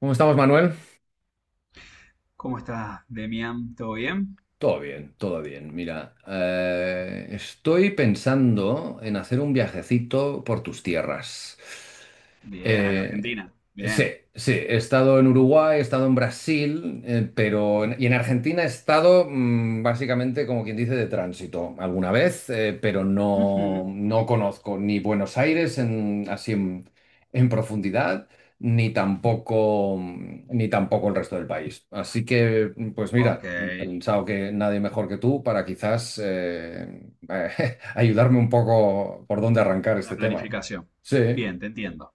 ¿Cómo estamos, Manuel? ¿Cómo estás, Demian? ¿Todo bien? Todo bien, todo bien. Mira, estoy pensando en hacer un viajecito por tus tierras. Bien, acá Eh, Argentina. sí, Bien. sí, he estado en Uruguay, he estado en Brasil, y en Argentina he estado básicamente, como quien dice, de tránsito alguna vez. Pero Ujú. no, no conozco ni Buenos Aires en profundidad, ni tampoco, ni tampoco el resto del país. Así que, pues Ok, mira, he en pensado que nadie mejor que tú para, quizás, ayudarme un poco por dónde arrancar la este tema. planificación. Sí. Bien, te entiendo.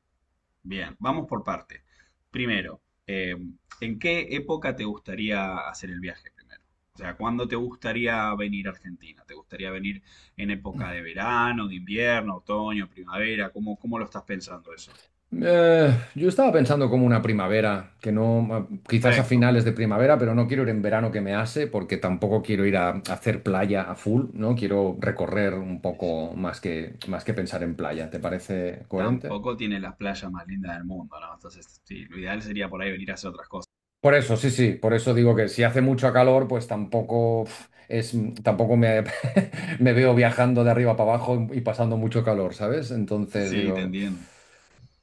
Bien, vamos por parte. Primero, ¿en qué época te gustaría hacer el viaje primero? O sea, ¿cuándo te gustaría venir a Argentina? ¿Te gustaría venir en época de verano, de invierno, otoño, primavera? ¿Cómo, cómo lo estás pensando eso? Yo estaba pensando como una primavera, que no, quizás a Perfecto. finales de primavera, pero no quiero ir en verano, que me hace, porque tampoco quiero ir a hacer playa a full, ¿no? Quiero recorrer un Sí, sí. poco más más que pensar en playa. ¿Te parece coherente? Tampoco tiene las playas más lindas del mundo, ¿no? Entonces, sí, lo ideal sería por ahí venir a hacer otras cosas. Por eso, sí, sí, por eso digo que si hace mucho calor, pues tampoco, tampoco me, me veo viajando de arriba para abajo y pasando mucho calor, ¿sabes? Entonces Sí, te digo, entiendo.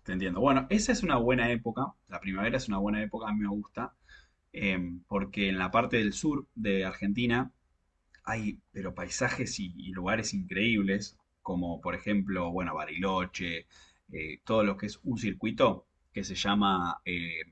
Te entiendo. Bueno, esa es una buena época. La primavera es una buena época, a mí me gusta, porque en la parte del sur de Argentina hay, pero paisajes y, lugares increíbles, como por ejemplo, bueno, Bariloche, todo lo que es un circuito que se llama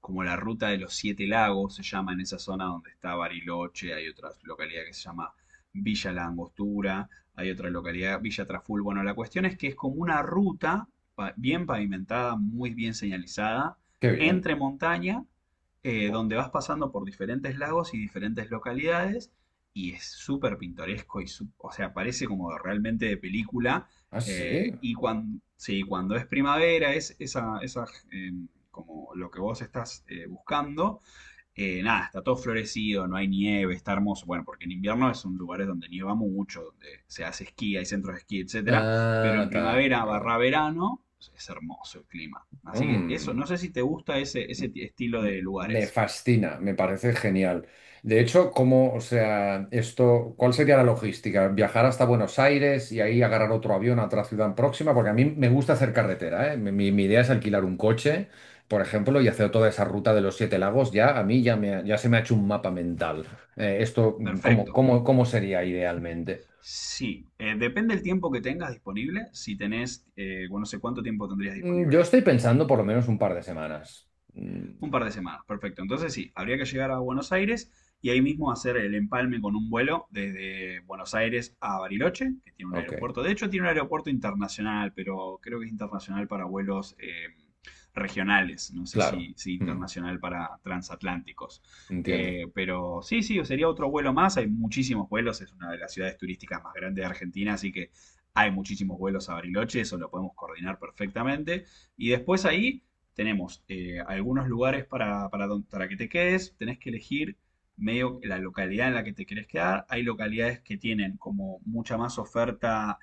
como la Ruta de los Siete Lagos, se llama en esa zona donde está Bariloche, hay otra localidad que se llama Villa La Angostura, hay otra localidad, Villa Traful. Bueno, la cuestión es que es como una ruta bien pavimentada, muy bien señalizada, qué bien. entre montaña, Oh, donde vas pasando por diferentes lagos y diferentes localidades, y es súper pintoresco, y o sea, parece como realmente de película. ah, sí. Y cuando, sí, cuando es primavera, es esa, eh, como lo que vos estás buscando, nada, está todo florecido, no hay nieve, está hermoso. Bueno, porque en invierno es un lugar donde nieva mucho, donde se hace esquí, hay centros de esquí, etcétera. Pero en Es primavera barra verdad. verano es hermoso el clima. Así que eso, Mm. no sé si te gusta ese, ese estilo de Me lugares. fascina, me parece genial. De hecho, ¿cómo, o sea, esto, cuál sería la logística? ¿Viajar hasta Buenos Aires y ahí agarrar otro avión a otra ciudad próxima? Porque a mí me gusta hacer carretera, ¿eh? Mi idea es alquilar un coche, por ejemplo, y hacer toda esa ruta de los Siete Lagos. Ya, a mí ya, ya se me ha hecho un mapa mental. ¿Cómo, Perfecto. cómo, cómo sería idealmente? Sí, depende del tiempo que tengas disponible. Si tenés, bueno, no sé cuánto tiempo tendrías Yo disponible. estoy pensando por lo menos un par de semanas. Mm, Un par de semanas, perfecto. Entonces sí, habría que llegar a Buenos Aires y ahí mismo hacer el empalme con un vuelo desde Buenos Aires a Bariloche, que tiene un ok, aeropuerto. De hecho, tiene un aeropuerto internacional, pero creo que es internacional para vuelos regionales. No sé claro. si, si Mm, internacional para transatlánticos. entiendo. Pero sí, sí, sería otro vuelo más. Hay muchísimos vuelos. Es una de las ciudades turísticas más grandes de Argentina, así que hay muchísimos vuelos a Bariloche. Eso lo podemos coordinar perfectamente. Y después ahí tenemos algunos lugares para, para que te quedes, tenés que elegir medio la localidad en la que te querés quedar. Hay localidades que tienen como mucha más oferta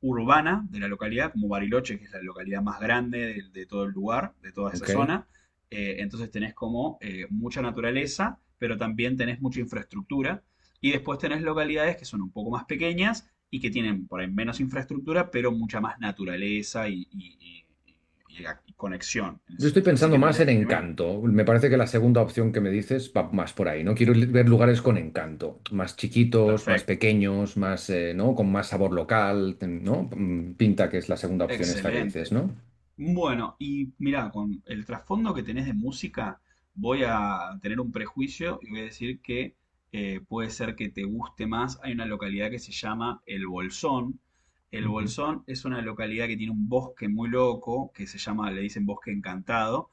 urbana de la localidad, como Bariloche, que es la localidad más grande de todo el lugar, de toda esa Ok. zona. Entonces tenés como mucha naturaleza, pero también tenés mucha infraestructura. Y después tenés localidades que son un poco más pequeñas y que tienen por ahí menos infraestructura, pero mucha más naturaleza y, y- y conexión en Yo ese estoy sentido. Así pensando que más tendrías en que primero, encanto. Me parece que la segunda opción que me dices va más por ahí, ¿no? Quiero ver lugares con encanto, más chiquitos, más perfecto, pequeños, más, ¿no? Con más sabor local, ¿no? Mm, pinta que es la segunda opción esta que dices, excelente. ¿no? Bueno, y mirá, con el trasfondo que tenés de música, voy a tener un prejuicio y voy a decir que puede ser que te guste más. Hay una localidad que se llama El Bolsón. El Ujú. Bolsón es una localidad que tiene un bosque muy loco, que se llama, le dicen Bosque Encantado,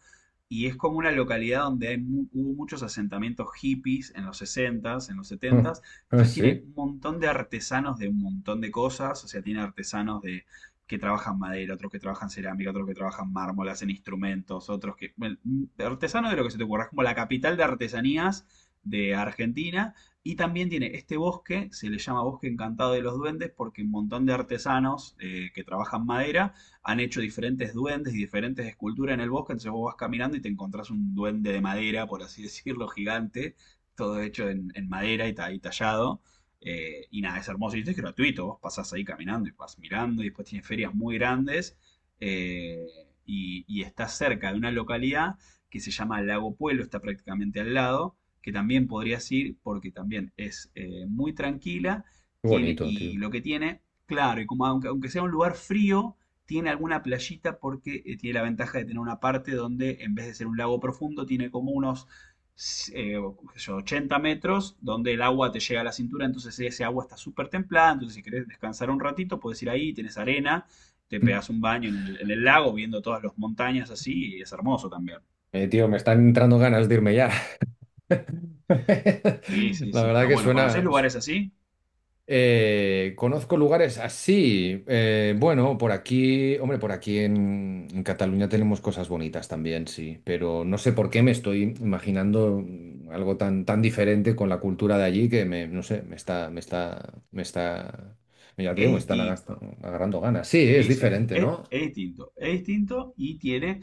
y es como una localidad donde hay hubo muchos asentamientos hippies en los 60s, en los Ah, 70s, ah, entonces tiene sí, un montón de artesanos de un montón de cosas, o sea, tiene artesanos de que trabajan madera, otros que trabajan cerámica, otros que trabajan mármol, hacen instrumentos, otros que... Bueno, artesano de lo que se te ocurra, es como la capital de artesanías de Argentina. Y también tiene este bosque, se le llama Bosque Encantado de los Duendes, porque un montón de artesanos que trabajan madera han hecho diferentes duendes y diferentes esculturas en el bosque. Entonces vos vas caminando y te encontrás un duende de madera, por así decirlo, gigante, todo hecho en madera y, y tallado, y nada, es hermoso. Y esto es gratuito. Vos pasás ahí caminando y vas mirando. Y después tiene ferias muy grandes. eh, y, y está cerca de una localidad que se llama Lago Puelo. Está prácticamente al lado. Que también podrías ir porque también es muy tranquila. qué Tiene, bonito, tío. y lo que tiene, claro, y como aunque, aunque sea un lugar frío, tiene alguna playita porque tiene la ventaja de tener una parte donde en vez de ser un lago profundo, tiene como unos eh, qué yo, 80 metros, donde el agua te llega a la cintura, entonces ese agua está súper templada, entonces si querés descansar un ratito, puedes ir ahí, tenés arena, te pegas un baño en el lago, viendo todas las montañas así, y es hermoso también. Tío, me están entrando ganas de irme ya. Sí, sí, La sí, verdad está que bueno. ¿Conocés suena... lugares así? Conozco lugares así. Bueno, por aquí, hombre, por aquí en Cataluña tenemos cosas bonitas también, sí, pero no sé por qué me estoy imaginando, algo tan, tan diferente con la cultura de allí que me, no sé, ya te digo, Es distinto. agarrando ganas. Sí, es Sí, sí, diferente, ¿no? es distinto. Es distinto y tiene.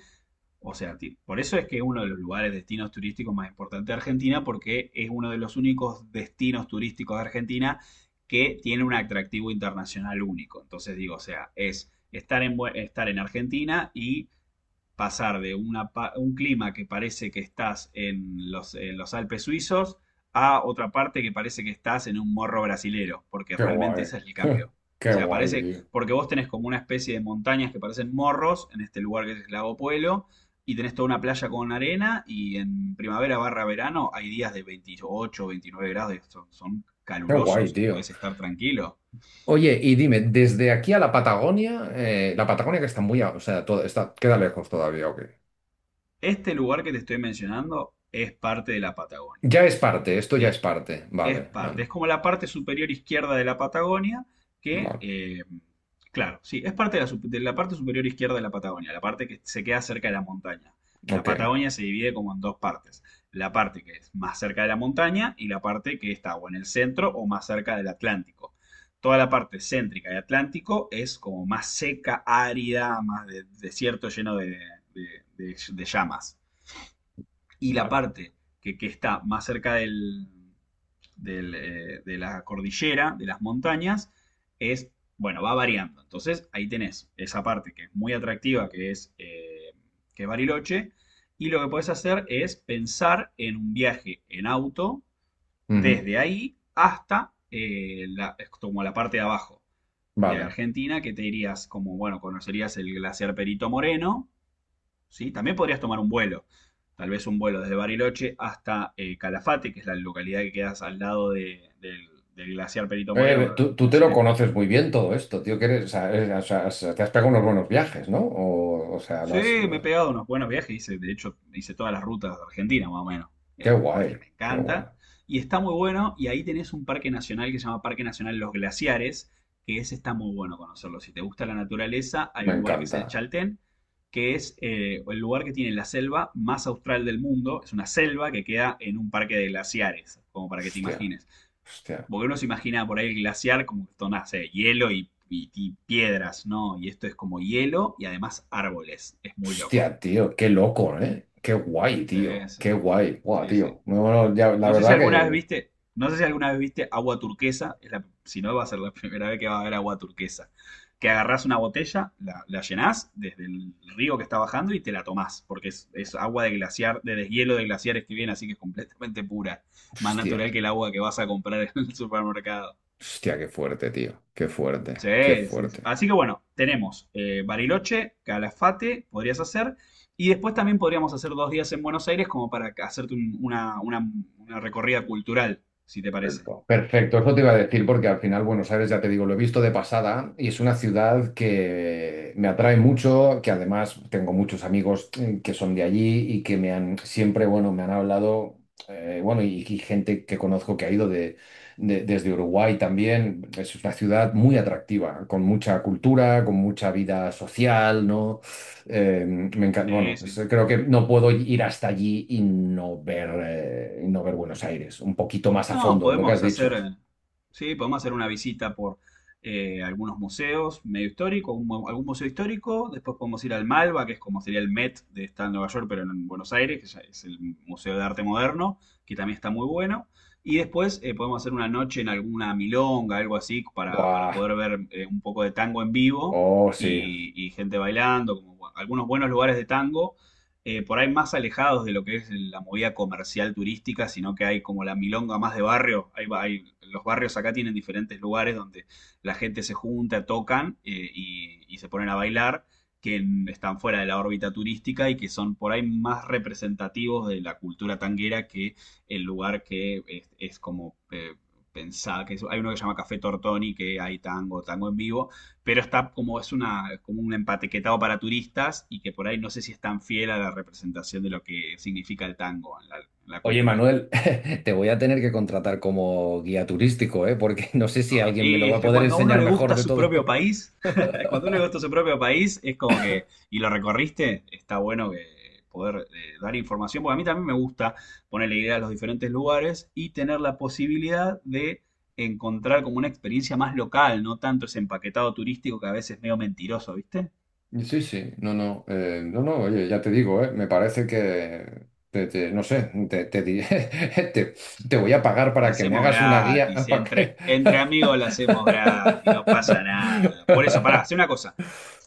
O sea, por eso es que uno de los lugares, destinos turísticos más importantes de Argentina, porque es uno de los únicos destinos turísticos de Argentina que tiene un atractivo internacional único. Entonces digo, o sea, es estar en, estar en Argentina y pasar de un clima que parece que estás en los Alpes suizos a otra parte que parece que estás en un morro brasilero, porque Qué realmente guay. ese es el cambio. O Qué sea, guay, parece, tío. porque vos tenés como una especie de montañas que parecen morros en este lugar que es Lago Puelo y tenés toda una playa con arena, y en primavera barra verano hay días de 28, 29 grados, son, son Qué guay, calurosos, tío. podés estar tranquilo. Oye, y dime, desde aquí a la Patagonia, la Patagonia, que está muy, o sea, todo, está, queda lejos Bueno, todavía, ¿ok? este lugar que te estoy mencionando es parte de la Patagonia, Ya es parte, esto ya es ¿sí? parte. Es Vale, parte, vale, es como la parte superior izquierda de la Patagonia, que, vale. Claro, sí, es parte de la, de la parte superior izquierda de la Patagonia, la parte que se queda cerca de la montaña. La Ok, Patagonia se divide como en dos partes, la parte que es más cerca de la montaña y la parte que está o en el centro o más cerca del Atlántico. Toda la parte céntrica del Atlántico es como más seca, árida, desierto lleno de, de llamas. Y la vale. parte que está más cerca del, del, de la cordillera, de las montañas, es, bueno, va variando. Entonces ahí tenés esa parte que es muy atractiva, que es Bariloche, y lo que podés hacer es pensar en un viaje en auto Ujú, desde ahí hasta como la parte de abajo de vale. Argentina, que te irías como, bueno, conocerías el glaciar Perito Moreno, ¿sí? También podrías tomar un vuelo, tal vez un vuelo desde Bariloche hasta Calafate, que es la localidad que quedas al lado del, del glaciar Perito Moreno, uno de tú, los tú te lo glaciares. conoces muy bien todo esto, tío, que eres, o sea, eres... o sea, te has pegado unos buenos viajes, ¿no? O sea, Sí, me he pegado unos buenos viajes, hice, de hecho, hice todas las rutas de Argentina, más o menos, qué guay, porque me qué guay. encanta. Y está muy bueno, y ahí tenés un parque nacional que se llama Parque Nacional Los Glaciares, que ese está muy bueno conocerlo. Si te gusta la naturaleza, hay Me un lugar que es encanta. el Chaltén, que es el lugar que tiene la selva más austral del mundo. Es una selva que queda en un parque de glaciares, como para que te Hostia, imagines. hostia. Como que uno se imagina por ahí el glaciar como que son, no sé, hielo y, y piedras, ¿no? Y esto es como hielo y además árboles. Es muy loco. Hostia, tío, qué loco, ¿eh? Qué guay, Sí, tío. sí, Qué guay. Guau, sí, tío. sí. No, no, ya, la No sé si verdad alguna vez que... viste, no sé si alguna vez viste agua turquesa. Es si no, va a ser la primera vez que va a haber agua turquesa. Que agarrás una botella, la llenás desde el río que está bajando y te la tomás, porque es agua de glaciar, de deshielo de glaciares que viene, así que es completamente pura, más Hostia, natural que el agua que vas a comprar en el supermercado. hostia, qué fuerte, tío. Qué fuerte, qué Sí, sí, sí. fuerte. Así que bueno, tenemos Bariloche, Calafate, podrías hacer. Y después también podríamos hacer dos días en Buenos Aires como para hacerte una recorrida cultural, si te parece. Perfecto, perfecto, eso te iba a decir porque, al final, Buenos Aires, ya te digo, lo he visto de pasada y es una ciudad que me atrae mucho, que además tengo muchos amigos que son de allí y que me han siempre, bueno, me han hablado. Bueno, y gente que conozco que ha ido desde Uruguay también. Es una ciudad muy atractiva, con mucha cultura, con mucha vida social, ¿no? Me encanta, Sí, bueno, sí. creo que no puedo ir hasta allí y no ver Buenos Aires un poquito más a No, fondo, lo que has podemos hacer, dicho. Sí, podemos hacer una visita por algunos museos medio históricos, algún museo histórico. Después podemos ir al Malva, que es como sería el Met de está en Nueva York, pero en Buenos Aires, que ya es el Museo de Arte Moderno, que también está muy bueno. Y después podemos hacer una noche en alguna milonga, algo así, para Buah, poder ver un poco de tango en vivo oh, sí. Y gente bailando, como algunos buenos lugares de tango por ahí más alejados de lo que es la movida comercial turística, sino que hay como la milonga más de barrio. Hay, los barrios acá tienen diferentes lugares donde la gente se junta, tocan y se ponen a bailar, que están fuera de la órbita turística y que son por ahí más representativos de la cultura tanguera que el lugar que es como... pensar que hay uno que se llama Café Tortoni, que hay tango, tango en vivo, pero está como es una como un empaquetado para turistas y que por ahí no sé si es tan fiel a la representación de lo que significa el tango en la Oye, cultura. Manuel, te voy a tener que contratar como guía turístico, ¿eh? Porque no sé si Ah, alguien me lo y va es a que poder cuando a uno enseñar le mejor gusta de su todo. propio país, cuando a uno le gusta su propio país, es como que, y lo recorriste, está bueno que poder dar información, porque a mí también me gusta ponerle idea a los diferentes lugares y tener la posibilidad de encontrar como una experiencia más local, no tanto ese empaquetado turístico que a veces es medio mentiroso, ¿viste? Sí, sí, no, no, no, no, oye, ya te digo, me parece que, no sé, te diré, te, te voy a pagar La para que me hacemos hagas una guía. gratis, ¿Para qué? entre, entre amigos la hacemos gratis, no pasa nada. Por eso, pará, hace una cosa.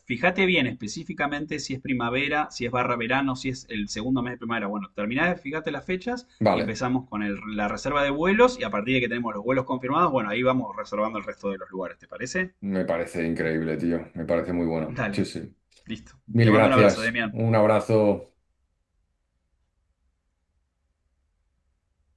Fíjate bien específicamente si es primavera, si es barra verano, si es el segundo mes de primavera. Bueno, terminá, fíjate las fechas y Vale, empezamos con la reserva de vuelos y a partir de que tenemos los vuelos confirmados, bueno, ahí vamos reservando el resto de los lugares, ¿te parece? me parece increíble, tío, me parece muy bueno, sí, Dale, sí. listo. Te Mil mando un abrazo, gracias, Demian. un abrazo.